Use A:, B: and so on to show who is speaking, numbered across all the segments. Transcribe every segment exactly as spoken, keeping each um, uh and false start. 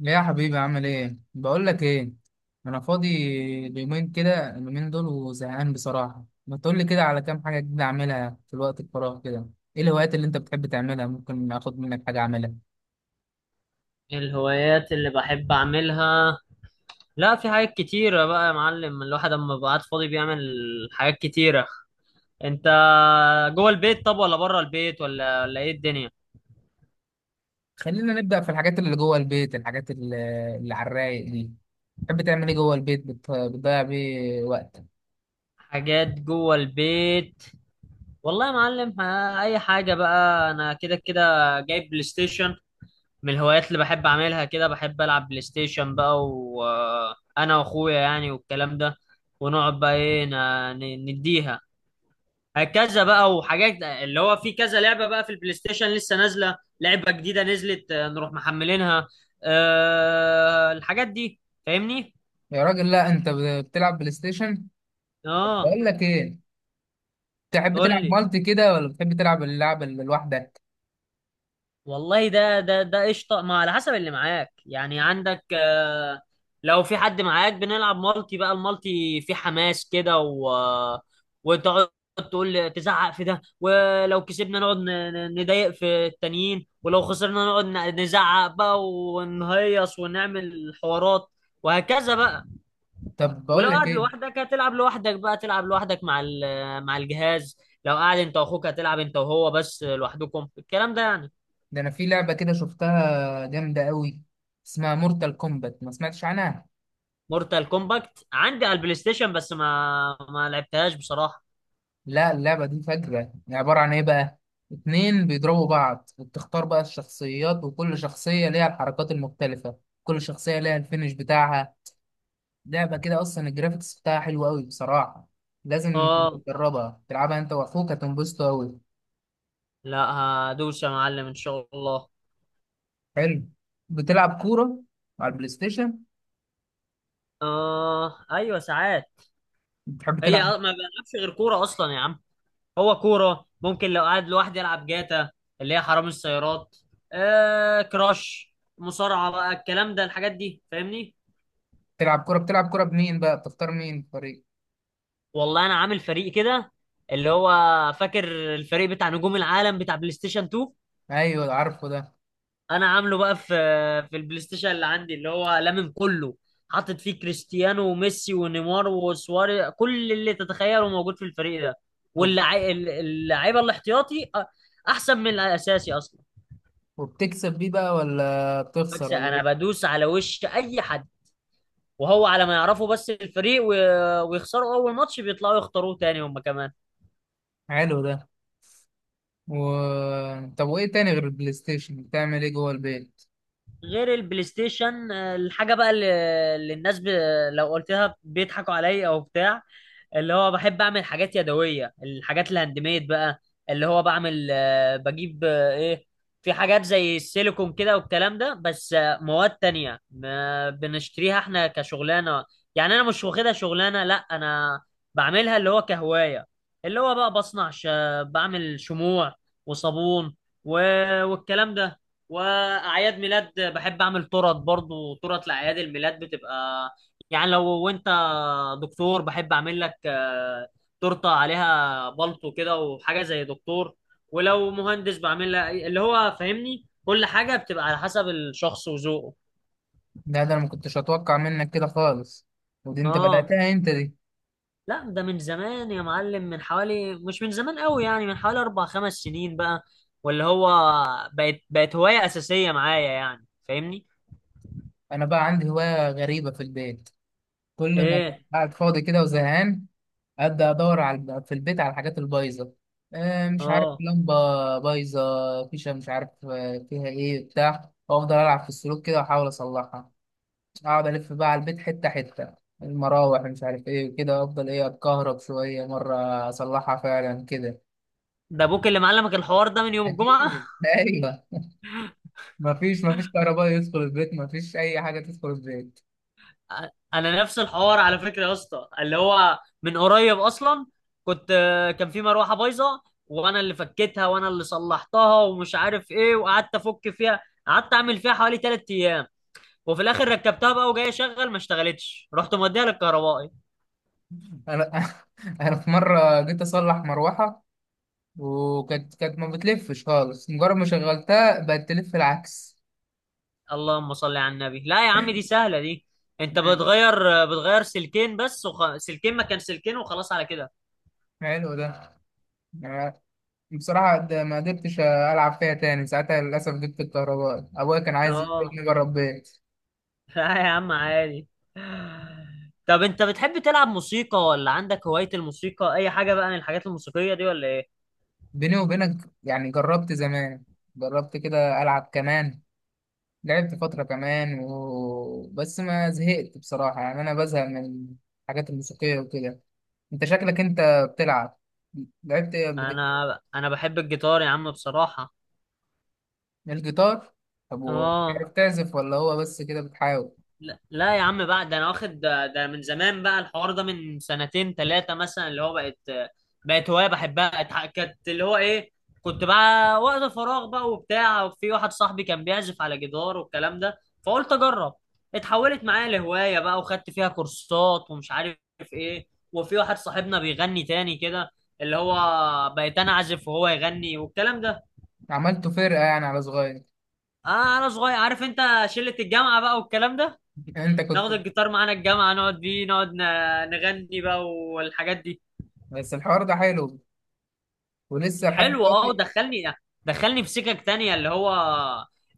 A: يا حبيبي عامل ايه؟ بقول لك ايه، انا فاضي اليومين كده، اليومين دول وزهقان بصراحه. ما تقول لي كده على كام حاجه جديده اعملها في الوقت الفراغ كده. ايه الهوايات اللي انت بتحب تعملها؟ ممكن اخد منك حاجه اعملها.
B: الهوايات اللي بحب أعملها. لا، في حاجات كتيرة بقى يا معلم. الواحد أما بيبقى قاعد فاضي بيعمل حاجات كتيرة. أنت جوه البيت طب ولا بره البيت ولا ولا إيه الدنيا؟
A: خلينا نبدا في الحاجات اللي جوه البيت، الحاجات اللي اللي على الرايق دي، بتحب تعمل ايه جوه البيت؟ بت- بتضيع بيه وقتك.
B: حاجات جوه البيت، والله يا معلم. ها، أي حاجة بقى، أنا كده كده جايب بلاي ستيشن. من الهوايات اللي بحب أعملها كده، بحب ألعب بلاي ستيشن بقى وأنا وأخويا يعني والكلام ده. ونقعد بقى إيه، ن- نديها هكذا بقى. وحاجات اللي هو في كذا لعبة بقى في البلاي ستيشن، لسه نازلة لعبة جديدة نزلت آه، نروح محملينها. أه الحاجات دي، فاهمني.
A: يا راجل، لا انت ب- بتلعب بلاي ستيشن؟
B: اه،
A: بقول لك ايه، تحب
B: قول
A: تلعب
B: لي.
A: مالتي كده ولا بتحب تلعب اللعبه اللي لوحدك؟
B: والله ده ده ده قشطه، ما على حسب اللي معاك يعني. عندك آه، لو في حد معاك بنلعب مالتي، بقى المالتي في حماس كده، و وتقعد تقول تزعق في ده. ولو كسبنا نقعد ن- ن- نضايق في التانيين، ولو خسرنا نقعد ن- نزعق بقى ونهيص ونعمل حوارات وهكذا بقى.
A: طب بقول
B: ولو
A: لك
B: قاعد
A: ايه،
B: لوحدك هتلعب لوحدك بقى، تلعب لوحدك مع ال- مع الجهاز. لو قاعد انت واخوك هتلعب انت وهو بس لوحدكم، الكلام ده يعني.
A: ده انا في لعبة كده شفتها جامدة قوي، اسمها مورتال كومبات، ما سمعتش عنها؟
B: مورتال كومباكت عندي على البلاي ستيشن، بس ما ما لعبتهاش بصراحة.
A: لا اللعبة دي فجرة. عبارة عن ايه بقى؟ اتنين بيضربوا بعض وبتختار بقى الشخصيات، وكل شخصية ليها الحركات المختلفة، كل شخصية ليها الفينش بتاعها. لعبة كده اصلا الجرافيكس بتاعها حلو قوي بصراحة. لازم
B: اه،
A: تجربها، تلعبها انت واخوك هتنبسطوا قوي.
B: لا، هدوس يا معلم ان شاء الله.
A: حلو. بتلعب كورة على البلاي ستيشن؟
B: اه ايوه ساعات.
A: بتحب
B: هي
A: تلعب؟
B: ما بلعبش غير كورة اصلا يا عم. هو كورة، ممكن لو قاعد لوحدي العب جاتا اللي هي حرامي السيارات. آه كراش، مصارعة بقى، الكلام ده الحاجات دي فاهمني.
A: تلعب كورة. بتلعب كورة بمين بقى؟ بتختار مين في الفريق؟
B: والله انا عامل فريق كده اللي هو، فاكر الفريق بتاع نجوم العالم بتاع بلاي ستيشن اتنين؟
A: ايوه عارفه ده.
B: انا عامله بقى في في البلاي ستيشن اللي عندي، اللي هو لامم كله. حاطط فيه كريستيانو وميسي ونيمار وسواري، كل اللي تتخيله موجود في الفريق ده. واللعيبه اللعيبه الاحتياطي أ- احسن من الاساسي اصلا.
A: وبتكسب بيه بقى ولا بتخسر
B: بكسب،
A: ولا
B: انا
A: ايه؟
B: بدوس على وش اي حد وهو على ما يعرفوا بس الفريق، و- ويخسروا اول ماتش بيطلعوا يختاروه تاني هم كمان.
A: حلو ده. و... طب وايه تاني غير البلاي ستيشن؟ بتعمل ايه جوه البيت؟
B: غير البلاي ستيشن آه، الحاجه بقى اللي اللي الناس ب... لو قلتها بيضحكوا عليا او بتاع. اللي هو بحب اعمل حاجات يدويه، الحاجات الهاند ميد بقى. اللي هو بعمل آه، بجيب آه، ايه، في حاجات زي السيليكون كده والكلام ده. بس آه، مواد تانية ما بنشتريها احنا كشغلانه يعني، انا مش واخدها شغلانه، لا انا بعملها اللي هو كهوايه. اللي هو بقى بصنع ش... بعمل شموع وصابون و... والكلام ده. واعياد ميلاد بحب اعمل تورت برضو. تورت لاعياد الميلاد بتبقى يعني لو انت دكتور، بحب اعمل لك آه، تورته عليها بلطو كده وحاجه زي دكتور. ولو مهندس بعمل لها اللي هو فاهمني، كل حاجه بتبقى على حسب الشخص وذوقه.
A: ده ده انا ما كنتش اتوقع منك كده خالص. ودي انت
B: اه
A: بدأتها انت دي؟
B: لا، ده من زمان يا معلم. من حوالي مش من زمان قوي يعني، من حوالي اربع خمس سنين بقى. واللي هو بقت بقت هوايه اساسيه معايا يعني، فاهمني.
A: انا بقى عندي هواية غريبة في البيت، كل ما أبقى
B: ايه؟
A: قاعد فاضي كده وزهقان ابدا ادور على في البيت على الحاجات البايظة، آه، مش عارف
B: اه
A: لمبة بايظة، فيشة مش عارف آه، فيها ايه بتاع، وافضل العب في السلوك كده واحاول اصلحها. اقعد الف بقى على البيت حته حته، المراوح مش عارف ايه وكده، افضل ايه اتكهرب شويه مره، اصلحها فعلا كده.
B: ده ابوك اللي معلمك الحوار ده من يوم الجمعه.
A: اكيد ايوه. مفيش، مفيش كهرباء يدخل البيت، مفيش اي حاجه تدخل البيت.
B: انا نفس الحوار على فكره يا اسطى، اللي هو من قريب اصلا. كنت، كان في مروحه بايظه وانا اللي فكيتها وانا اللي صلحتها ومش عارف ايه، وقعدت افك فيها، قعدت اعمل فيها حوالي ثلاث ايام. وفي الاخر ركبتها بقى وجاي اشغل ما اشتغلتش، رحت موديها للكهربائي.
A: انا انا في مره جيت اصلح مروحه، وكانت كانت ما بتلفش خالص، مجرد ما شغلتها بقت تلف العكس.
B: اللهم صل على النبي، لا يا عم دي سهله دي. انت
A: مم.
B: بتغير بتغير سلكين بس وخ... سلكين مكان سلكين وخلاص على كده.
A: حلو ده. أنا بصراحة ده ما قدرتش ألعب فيها تاني ساعتها للأسف، جبت الكهرباء أبويا كان عايز
B: اه
A: يجيبني بره البيت.
B: لا يا عم عادي. طب انت بتحب تلعب موسيقى ولا عندك هواية الموسيقى، اي حاجة بقى من الحاجات الموسيقية دي ولا ايه؟
A: بيني وبينك، يعني جربت زمان، جربت كده ألعب كمان، لعبت فترة كمان، و... بس ما زهقت بصراحة. يعني أنا بزهق من الحاجات الموسيقية وكده. أنت شكلك أنت بتلعب، لعبت إيه قبل كده؟
B: انا انا بحب الجيتار يا عم بصراحة.
A: الجيتار. طب
B: اه
A: وبتعرف تعزف ولا هو بس كده بتحاول؟
B: لا لا يا عم بقى، ده انا واخد ده, ده من زمان بقى. الحوار ده من سنتين ثلاثة مثلا، اللي هو بقت بقت هواية بحبها. اتح- كانت اللي هو ايه، كنت بقى وقت فراغ بقى وبتاع، وفي واحد صاحبي كان بيعزف على جدار والكلام ده، فقلت اجرب. اتحولت معايا لهواية بقى وخدت فيها كورسات ومش عارف ايه. وفي واحد صاحبنا بيغني تاني كده، اللي هو بقيت انا اعزف وهو يغني والكلام ده.
A: عملته فرقة يعني على صغير؟
B: آه انا صغير، عارف انت، شلة الجامعة بقى والكلام ده.
A: أنت كنت.
B: ناخد الجيتار معانا الجامعة نقعد بيه، نقعد ن- نغني بقى والحاجات دي.
A: بس الحوار ده حلو، ولسه لحد
B: حلو، اه
A: دلوقتي.
B: ودخلني، دخلني في سكك تانية، اللي هو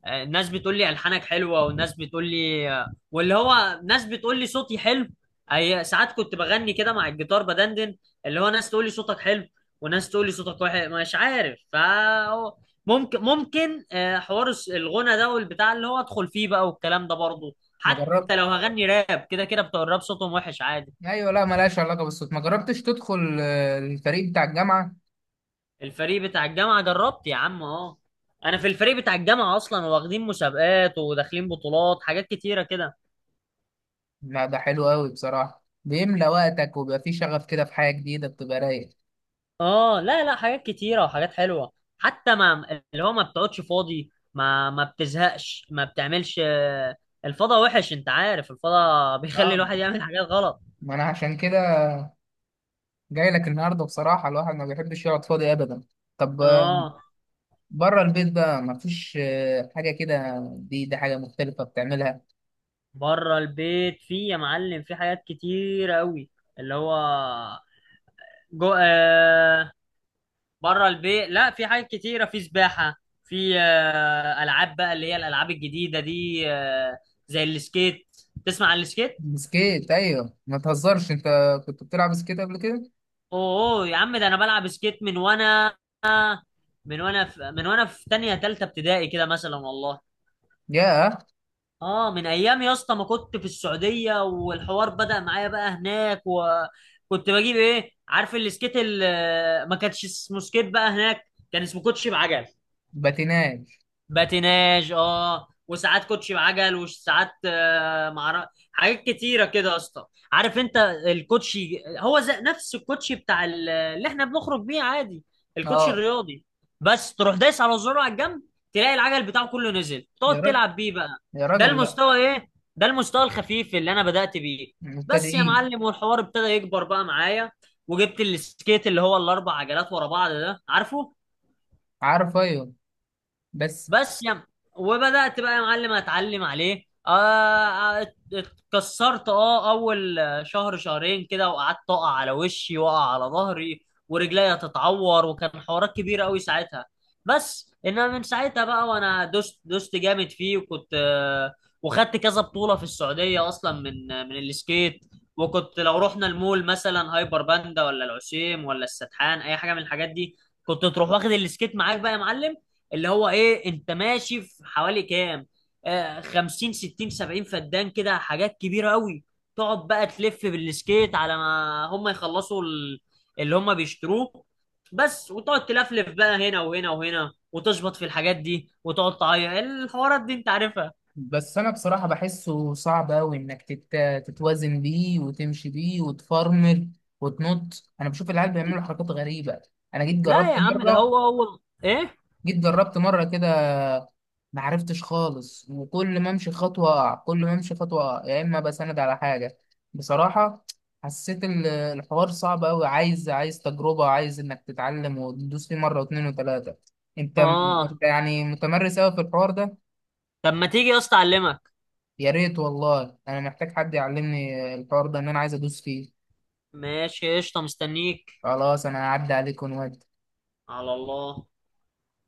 B: آه، ناس بتقول لي ألحانك حلوة، وناس بتقول لي آه، واللي هو ناس بتقول لي صوتي حلو. أي ساعات كنت بغني كده مع الجيتار بدندن، اللي هو ناس تقول لي صوتك حلو وناس تقول لي صوتك وحش، مش عارف. ف ممكن ممكن آه، حوار الس- الغنى ده والبتاع اللي هو ادخل فيه بقى والكلام ده برضه،
A: ما جربت،
B: حتى لو هغني راب كده كده بتوع الراب صوتهم وحش عادي.
A: أيوة، لا ملهاش علاقة بالصوت. ما جربتش تدخل آه، الفريق بتاع الجامعة؟
B: الفريق بتاع الجامعة جربت يا عم اهو، انا في الفريق بتاع الجامعة اصلا. واخدين مسابقات وداخلين بطولات، حاجات كتيرة كده.
A: لا ده حلو قوي بصراحة، بيملى وقتك وبيبقى فيه شغف كده في حاجة جديدة، بتبقى رايق.
B: اه لا لا، حاجات كتيرة وحاجات حلوة. حتى ما اللي هو ما بتقعدش فاضي، ما ما بتزهقش، ما بتعملش آه، الفضا وحش. انت عارف الفضا بيخلي
A: اه
B: الواحد يعمل حاجات غلط.
A: ما انا عشان كده جاي لك النهاردة بصراحة، الواحد ما بيحبش يقعد فاضي ابدا. طب آه،
B: اه
A: بره البيت بقى ما فيش آه، حاجة كده؟ دي دي حاجة مختلفة بتعملها.
B: بره البيت، في يا معلم في حاجات كتيرة قوي. اللي هو جو... آه، بره البيت لا، في حاجات كتيره، في سباحه، في آه، العاب بقى اللي هي الالعاب الجديده دي آه، زي السكيت. تسمع عن السكيت؟
A: بسكيت؟ ايوه ما تهزرش انت، كنت بتلعب بسكيت قبل كده؟
B: اوه، أوه، يا عم ده انا بلعب سكيت من وانا، من وانا في من وانا في تانية تالتة ابتدائي كده مثلا والله.
A: ياه.
B: اه من ايام يا اسطى ما كنت في السعوديه، والحوار بدأ معايا بقى هناك. وكنت بجيب ايه، عارف السكيت ال- آه، ما كانش اسمه سكيت بقى هناك، كان اسمه كوتشي بعجل.
A: باتيناج،
B: باتيناج، اه. وساعات كوتشي بعجل وساعات آه، معرف حاجات كتيره كده يا اسطى. عارف انت، الكوتشي هو زي نفس الكوتشي بتاع ال- اللي احنا بنخرج بيه عادي، الكوتشي
A: اه.
B: الرياضي. بس تروح دايس على زرار على الجنب، تلاقي العجل بتاعه كله نزل،
A: يا
B: تقعد
A: راجل،
B: تلعب بيه بقى.
A: يا
B: ده
A: راجل، لا.
B: المستوى ايه، ده المستوى الخفيف اللي انا بدأت بيه. بس يا
A: مبتدئين.
B: معلم، والحوار ابتدى يكبر بقى معايا، وجبت السكيت اللي هو الاربع عجلات ورا بعض ده، عارفه.
A: عارف، ايوه. بس،
B: بس يا م- وبدأت بقى يا معلم اتعلم عليه. آه آه، اتكسرت، اه اول شهر شهرين كده. وقعدت اقع على وشي واقع على ظهري ورجليا تتعور، وكان حوارات كبيره قوي ساعتها. بس انما من ساعتها بقى وانا دوست دوست جامد فيه. وكنت آه، وخدت كذا بطوله في السعوديه اصلا من آه، من السكيت. وكنت لو رحنا المول مثلا، هايبر باندا ولا العسيم ولا السدحان، اي حاجه من الحاجات دي، كنت تروح واخد السكيت معاك بقى يا معلم. اللي هو ايه، انت ماشي في حوالي كام، آه خمسين ستين سبعين فدان كده، حاجات كبيره قوي. تقعد بقى تلف بالسكيت على ما هم يخلصوا ال- اللي هم بيشتروه بس. وتقعد تلفلف بقى هنا وهنا وهنا، وتشبط في الحاجات دي وتقعد تعيط، الحوارات دي انت عارفها.
A: بس انا بصراحة بحسه صعب اوي انك تت... تتوازن بيه وتمشي بيه وتفرمل وتنط. انا بشوف العيال بيعملوا حركات غريبة. انا جيت
B: لا
A: جربت
B: يا عم ده
A: مرة،
B: هو هو ايه.
A: جيت جربت مرة كده، ما عرفتش خالص، وكل ما امشي خطوة اقع، كل ما امشي خطوة اقع يا اما بسند على حاجة. بصراحة حسيت ال- الحوار صعب اوي، عايز، عايز تجربة، عايز انك تتعلم وتدوس فيه مرة واتنين وتلاتة. انت،
B: اه
A: انت يعني متمرس اوي في الحوار ده.
B: طب ما تيجي يا اسطى اعلمك.
A: يا ريت والله، انا محتاج حد يعلمني الحوار ده، ان انا عايز ادوس فيه.
B: ماشي قشطه مستنيك.
A: خلاص انا هعدي عليك ونودي.
B: على الله.